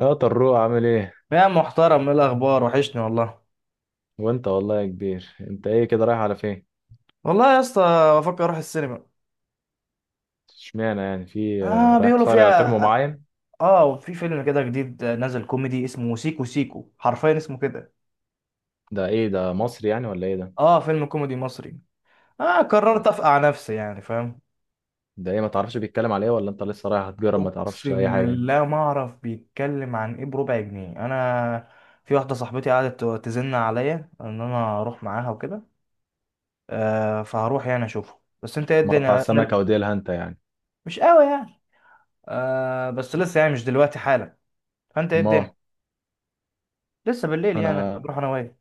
يا طروق، عامل ايه؟ يا محترم، ايه الاخبار؟ وحشني والله. وانت والله يا كبير، انت ايه كده، رايح على فين؟ والله يا اسطى، بفكر اروح السينما. اشمعنى يعني؟ في، اه، رايح بيقولوا تتفرج على فيلم فيها. معين؟ اه، في فيلم كده جديد نازل كوميدي اسمه سيكو سيكو، حرفيا اسمه كده. ده ايه ده، مصري يعني ولا ايه ده؟ اه، فيلم كوميدي مصري. اه، قررت افقع نفسي يعني، فاهم. ده ايه؟ ما تعرفش بيتكلم على ايه، ولا انت لسه رايح هتجرب، ما تعرفش اي اقسم حاجه؟ بالله ما اعرف بيتكلم عن ايه بربع جنيه انا. في واحده صاحبتي قعدت تزن عليا ان انا اروح معاها وكده. فهروح يعني اشوفه، بس انت ايه مقطع الدنيا؟ السمكه وديلها انت يعني. مش قوي يعني. آه، بس لسه يعني مش دلوقتي حالا. فانت ايه الدنيا؟ ما لسه بالليل يعني، هبقى انا بروح انا وهي.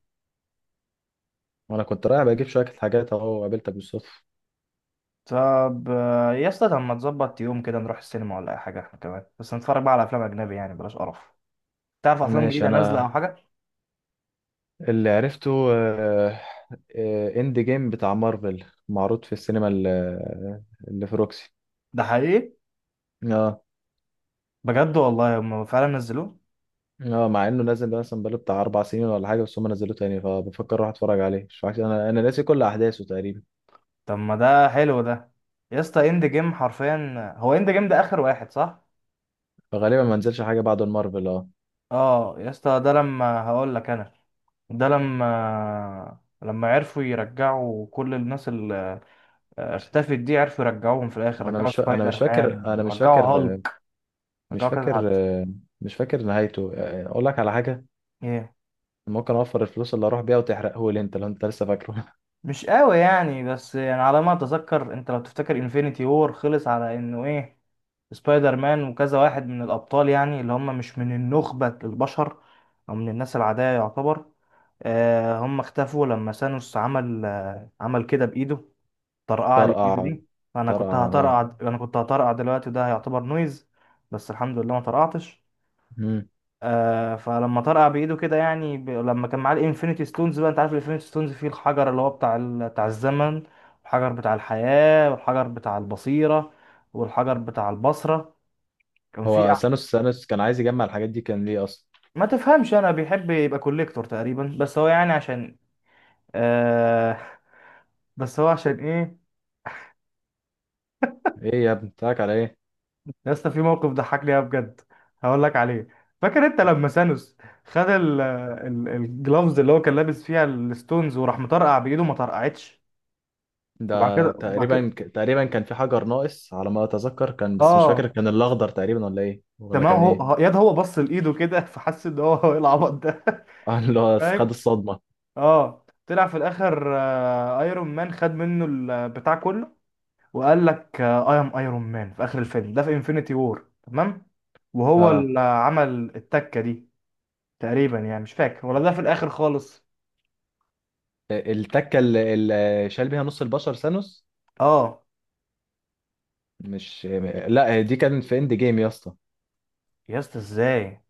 انا كنت رايح بجيب شويه حاجات، اهو قابلتك بالصدفه. طب يا اسطى، طب ما تظبط يوم كده نروح السينما ولا اي حاجه، احنا كمان بس نتفرج بقى على افلام اجنبي يعني، بلاش قرف. تعرف افلام ماشي. جديده نازله او انا حاجه؟ اللي عرفته، آه، اند جيم بتاع مارفل، معروض في السينما اللي في روكسي. ده حقيقي؟ اه. بجد والله هم فعلا نزلوه. اه، مع انه نازل ده مثلا بقاله بتاع 4 سنين ولا حاجه، بس هم نزلوه تاني، فبفكر اروح اتفرج عليه. مش فاكر، انا ناسي كل احداثه تقريبا. طب ما ده حلو ده. يا اسطى، اند جيم حرفيا؟ هو اند جيم ده اخر واحد صح؟ فغالبا ما نزلش حاجه بعد المارفل، اه. اه، يا اسطى ده لما هقول لك انا. ده لما عرفوا يرجعوا كل الناس اللي اختفت دي، عرفوا يرجعوهم في الاخر، وانا رجعوا مش فا... انا مش سبايدر فاكر، مان ورجعوا هالك. مش رجعوا كذا فاكر حد. مش فاكر نهايته. اقول لك على حاجه: ايه، ممكن اوفر الفلوس اللي اروح بيها وتحرقه لي انت، لو انت لسه فاكره؟ مش قوي يعني، بس يعني على ما اتذكر، انت لو تفتكر انفينيتي وور خلص على انه ايه، سبايدر مان وكذا واحد من الابطال يعني، اللي هم مش من النخبة البشر او من الناس العادية يعتبر. آه، هم اختفوا لما ثانوس عمل كده بايده. طرقعة اللي بايده طرقع، دي. فانا كنت طرقع، اه. هطرقع انا كنت هطرقع دلوقتي، ده هيعتبر نويز. بس الحمد لله ما طرقعتش. مم. فلما طرقع بايده كده، يعني لما كان معاه الانفينيتي ستونز، بقى انت عارف الانفينيتي ستونز فيه الحجر اللي هو بتاع الزمن، والحجر بتاع الحياة، والحجر بتاع البصيرة، والحجر بتاع البصرة. كان فيه هو سانوس، كان عايز يجمع الحاجات دي كان ليه اصلا؟ ما تفهمش، انا بيحب يبقى كوليكتور تقريبا، بس هو يعني عشان آه بس هو عشان ايه؟ ايه يا ابني، بتاعك على ايه؟ يا اسطى، في موقف ضحكني أوي بجد، هقول لك عليه. فاكر انت لما سانوس خد الجلافز اللي هو كان لابس فيها الستونز، وراح مطرقع بايده ما طرقعتش. وبعد ده بعد تقريبا، كده تقريبا كان في حجر ناقص على ما اتذكر، كان بس مش اه، فاكر كان الاخضر تقريبا ولا ايه، ولا تمام. كان ايه. ياد هو بص لايده كده فحس ان هو هو ايه العبط ده اه، اللي هو خد فاهم. الصدمه. اه، طلع في الاخر ايرون مان خد منه البتاع كله. وقال لك اي ام ايرون مان في اخر الفيلم ده في انفينيتي وور، تمام. وهو اه، اللي عمل التكه دي، تقريبا يعني، مش فاكر ولا ده في الاخر خالص. التكه اللي شال بيها نص البشر ثانوس، اه. مش؟ لا، دي كان في اند جيم يا اسطى. يا اسطى، ازاي؟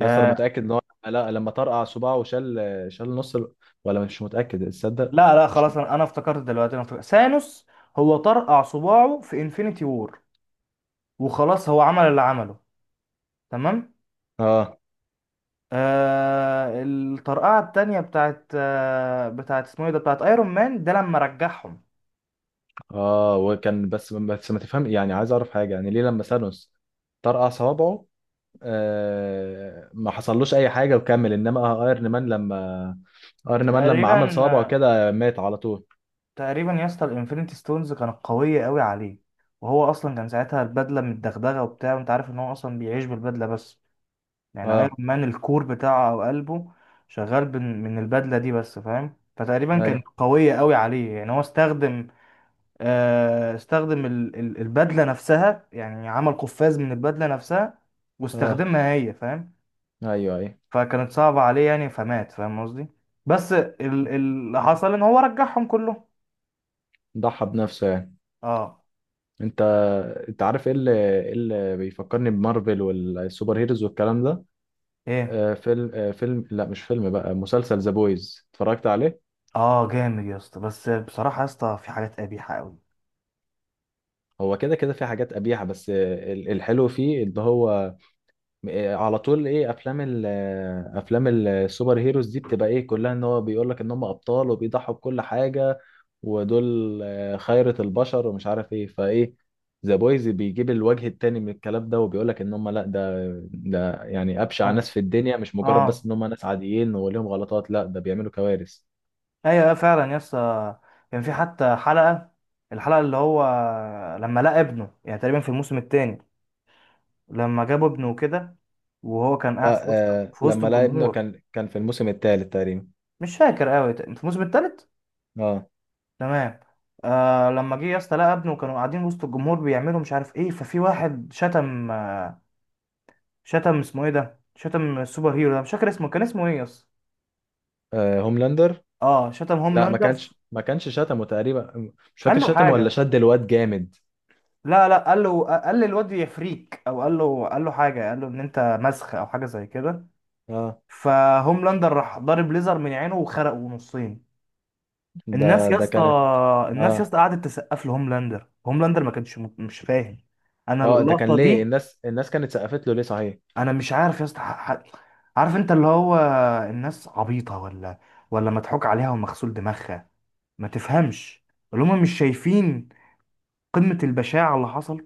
يا اسطى، انا آه، متاكد ان هو، لا، لما طرقع صباعه وشال، نص ولا مش متاكد، تصدق؟ لا لا، مش. خلاص، انا افتكرت دلوقتي، انا افتكرت ثانوس هو طرقع صباعه في انفينيتي وور، وخلاص هو عمل اللي عمله، تمام. اه. آه، الطرقعة التانية بتاعت اسمه ايه ده بتاعت ايرون مان ده لما رجعهم. اه، وكان، بس ما تفهم يعني، عايز اعرف حاجه يعني: ليه لما ثانوس طرقع صوابعه، آه، ما حصلوش اي حاجه وكمل، انما ايرن مان لما تقريبا. عمل صوابعه آه، كده مات على طول؟ تقريبا يا اسطى، الانفينيتي ستونز كانت قوية قوي عليه، وهو اصلا كان ساعتها البدلة متدغدغة وبتاع، وانت عارف ان هو اصلا بيعيش بالبدلة بس، يعني ايرون اه. مان الكور بتاعه او قلبه شغال من البدلة دي بس، فاهم. فتقريبا اي. كانت قوية قوي عليه، يعني هو استخدم البدله نفسها، يعني عمل قفاز من البدله نفسها، اه، واستخدمها هي، فاهم. ايوه، اي. فكانت صعبه عليه يعني فمات، فاهم قصدي. بس اللي حصل ان هو رجعهم كلهم. ضحى بنفسه يعني. اه. انت انت عارف ايه اللي، إيه اللي بيفكرني بمارفل والسوبر هيروز والكلام ده؟ ايه. فيلم، فيلم، لا، مش فيلم بقى، مسلسل ذا بويز، اتفرجت عليه. اه، جامد يا اسطى، بس بصراحه يا اسطى في حاجات قبيحه قوي. هو كده كده في حاجات قبيحه، بس الحلو فيه ان هو، إيه، على طول ايه افلام ال، افلام السوبر هيروز دي بتبقى ايه كلها؟ ان هو بيقول لك ان هم ابطال وبيضحوا بكل حاجه، ودول خيرة البشر ومش عارف ايه، فايه ذا بويز بيجيب الوجه التاني من الكلام ده، وبيقول لك ان هم لا، ده يعني ابشع ناس اه، في الدنيا، مش مجرد اه، بس ان هم ناس عاديين وليهم غلطات، لا ده بيعملوا كوارث. ايوه، آه، فعلا يا اسطى. كان في حتى حلقه، الحلقه اللي هو لما لقى ابنه يعني، تقريبا في الموسم الثاني، لما جابوا ابنه كده، وهو كان قاعد لا، في آه، وسط لما لقى ابنه الجمهور. كان في الموسم الثالث تقريبا. مش فاكر قوي، انت الموسم التالت؟ اه. تمام. آه، لما جه يا اسطى لقى ابنه، كانوا قاعدين وسط الجمهور بيعملوا مش عارف ايه، ففي واحد شتم، اسمه ايه ده، شتم السوبر هيرو ده، مش فاكر اسمه، كان اسمه ايه يا اسطى؟ آه، هوملاندر. اه، شتم لا، ما هوملاندر كانش ما كانش شتمه تقريبا، مش فاكر قال له شتمه ولا حاجه. شد الواد جامد. لا لا، قال للواد يا فريك، او قال له حاجه، قال له ان انت مسخ او حاجه زي كده. اه، فهوملاندر راح ضارب ليزر من عينه وخرقه نصين. الناس ده يا ده اسطى كانت. الناس يا اه، اسطى قعدت تسقف لهوملاندر، هوملاندر ما كانش مش فاهم. انا اه، ده اللقطه كان ليه دي. الناس كانت سقفت له ليه صحيح؟ انا مش عارف يا اسطى، عارف انت اللي هو، الناس عبيطه ولا مضحوك عليها ومغسول دماغها، ما تفهمش، اللي هم مش شايفين قمه البشاعه اللي حصل.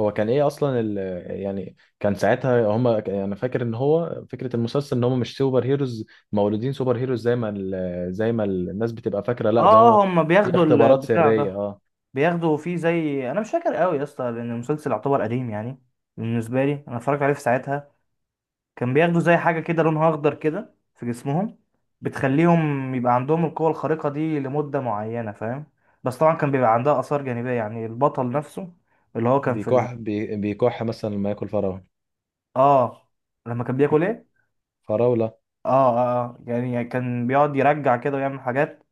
هو كان ايه اصلا؟ يعني كان ساعتها هم، انا فاكر ان هو فكره المسلسل ان هم مش سوبر هيروز مولودين سوبر هيروز، زي ما الناس بتبقى فاكره، لا ده هو اه، هم في بياخدوا اختبارات البتاع سريه، ده، اه. بياخدوا فيه زي، انا مش فاكر قوي يا اسطى لان المسلسل يعتبر قديم يعني، بالنسبه لي انا اتفرجت عليه في ساعتها. كان بياخدوا زي حاجة كده لونها أخضر كده في جسمهم، بتخليهم يبقى عندهم القوة الخارقة دي لمدة معينة، فاهم. بس طبعا كان بيبقى عندها آثار جانبية، يعني البطل نفسه اللي هو كان في بيكح مثلا لما ياكل فراوله. آه، لما كان بياكل إيه؟ فراوله. آه، آه، آه. يعني كان بيقعد يرجع كده ويعمل حاجات،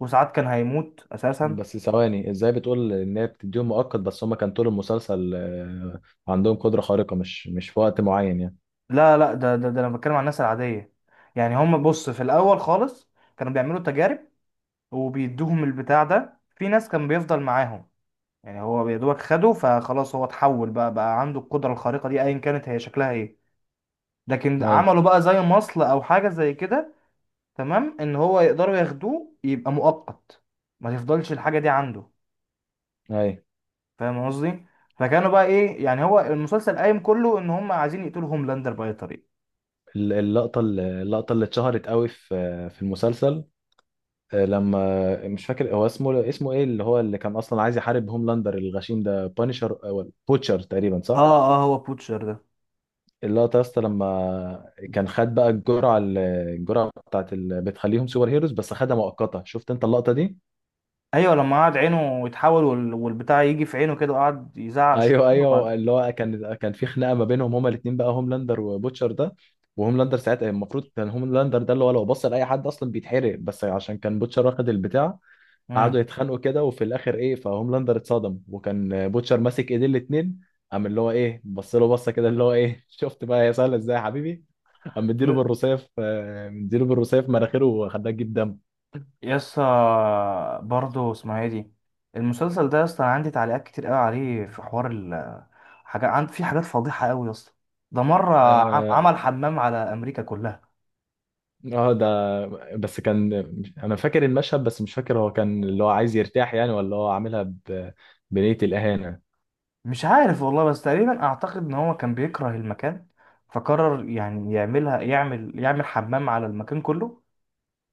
وساعات كان هيموت أساسا. بس ثواني، ازاي بتقول ان هي بتديهم مؤقت، بس هم كان طول المسلسل، عندهم قدره خارقه، مش في وقت معين يعني؟ لا لا، ده أنا بتكلم عن الناس العادية، يعني هم، بص، في الأول خالص كانوا بيعملوا تجارب، وبيدوهم البتاع ده، في ناس كان بيفضل معاهم، يعني هو يا دوبك خده فخلاص هو اتحول، بقى عنده القدرة الخارقة دي ايا كانت هي شكلها ايه. لكن اي. عملوا بقى زي مصل او حاجة زي كده، تمام، ان هو يقدروا ياخدوه يبقى مؤقت، ما تفضلش الحاجة دي عنده، اي. فاهم قصدي. فكانوا بقى ايه، يعني هو المسلسل قايم كله ان هم عايزين يقتلوا هوملاندر بأي طريقة. اللقطة، اللقطة اللي اتشهرت قوي في المسلسل، لما مش فاكر هو اسمه، ايه اللي هو، كان اصلا عايز يحارب هوملاندر الغشيم ده؟ بانشر او بوتشر تقريبا، اه، صح؟ اه، هو بوتشر ده. اللقطة يا اسطى، لما كان خد بقى الجرعة، الجرعة بتاعت اللي بتخليهم سوبر هيروز، بس خدها مؤقتة، شفت انت اللقطة دي؟ ايوه، لما قعد عينه يتحول والبتاع يجي في عينه كده، وقعد يزعق شوية، ايوه، وبعد. ايوه، اللي هو كان في خناقة ما بينهم هما الاتنين بقى، هوملاندر وبوتشر ده. وهوملاندر ساعتها المفروض كان، هوملاندر ده اللي هو لو بص لأي حد اصلا بيتحرق، بس عشان كان بوتشر واخد البتاع، قعدوا يتخانقوا كده وفي الاخر ايه، فهوملاندر اتصدم وكان بوتشر ماسك ايدين الاتنين، قام اللي هو، ايه، بص له بصه كده اللي هو، ايه! شفت بقى هي سهله ازاي يا حبيبي؟ قام مديله مم. بالرصاف، مناخيره، وخلاه تجيب دم. يسا، برضه اسمها ايه دي؟ المسلسل ده يسا عندي تعليقات كتير قوي عليه في حوار ال حاجة، عند في حاجات فضيحة قوي يسا. ده مرة اه. عمل حمام على أمريكا كلها. ده، بس كان، انا فاكر المشهد، بس مش فاكر هو كان اللي هو عايز يرتاح يعني، ولا هو عاملها بنية الاهانه. مش عارف والله، بس تقريبا أعتقد إن هو كان بيكره المكان، فقرر يعني يعملها، يعمل حمام على المكان كله،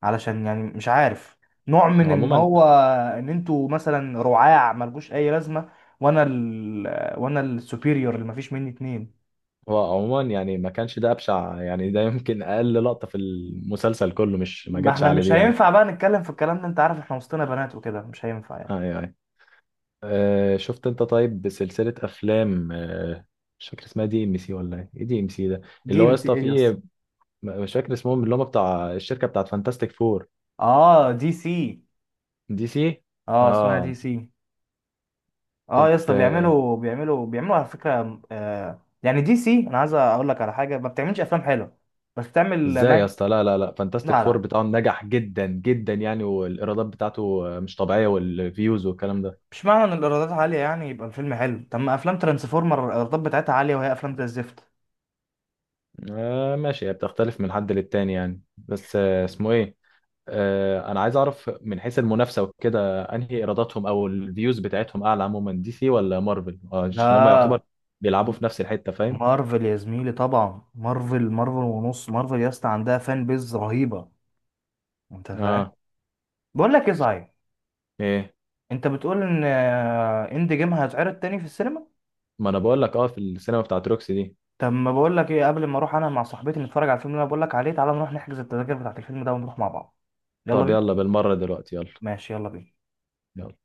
علشان يعني مش عارف، نوع من هو إن عموما، هو، إن أنتوا مثلا رعاع ملجوش أي لازمة، وأنا السوبيريور اللي مفيش مني اتنين. يعني ما كانش ده ابشع، يعني ده يمكن اقل لقطه في المسلسل كله، مش ما ما جاتش احنا على مش دي يعني. هينفع بقى نتكلم في الكلام ده، انت عارف احنا وسطنا بنات وكده، مش هينفع آه، يعني. آه، آه. شفت انت؟ طيب سلسلة افلام، مش فاكر اسمها، DMC ولا ايه؟ ايه DMC ده دي اللي هو يا ام سي اسطى ايه يا اسطى؟ فيه؟ مش فاكر اسمهم اللي هم بتاع الشركة بتاعت فانتاستيك فور. اه، دي سي. DC. اه، اسمها دي اه. سي. اه يا كنت، اسطى، بيعملوا على فكره، يعني دي سي، انا عايز اقول لك على حاجه، ما بتعملش افلام حلوه، بس بتعمل ازاي يا مانجا. اسطى؟ لا، لا، لا، فانتاستيك لا فور لا، بتاعهم نجح جدا جدا يعني، والايرادات بتاعته مش طبيعية، والفيوز والكلام ده. مش معنى ان الايرادات عاليه يعني يبقى الفيلم حلو، طب ما افلام ترانسفورمر الايرادات بتاعتها عاليه وهي افلام زي الزفت. آه، ماشي، هي بتختلف من حد للتاني يعني. بس اسمه ايه؟ انا عايز اعرف من حيث المنافسه وكده، انهي ايراداتهم او الفيوز بتاعتهم اعلى عموما، DC ولا مارفل؟ عشان هم يعتبر لا، بيلعبوا في نفس الحته، فاهم؟ مارفل يا زميلي، طبعا مارفل، مارفل ونص مارفل يا اسطى، عندها فان بيز رهيبه، انت فاهم. اه. بقول لك ايه صحيح، ايه. انت بتقول ان اند جيم هيتعرض تاني في السينما؟ ما انا بقول لك، اه، في السينما بتاعت روكسي دي. طب ما بقول لك ايه، قبل ما اروح انا مع صاحبتي نتفرج على الفيلم اللي انا بقول لك عليه، تعالى نروح نحجز التذاكر بتاعت الفيلم ده ونروح مع بعض. يلا طب بينا. يلا بالمره دلوقتي، يلا. ماشي، يلا بينا. يلا.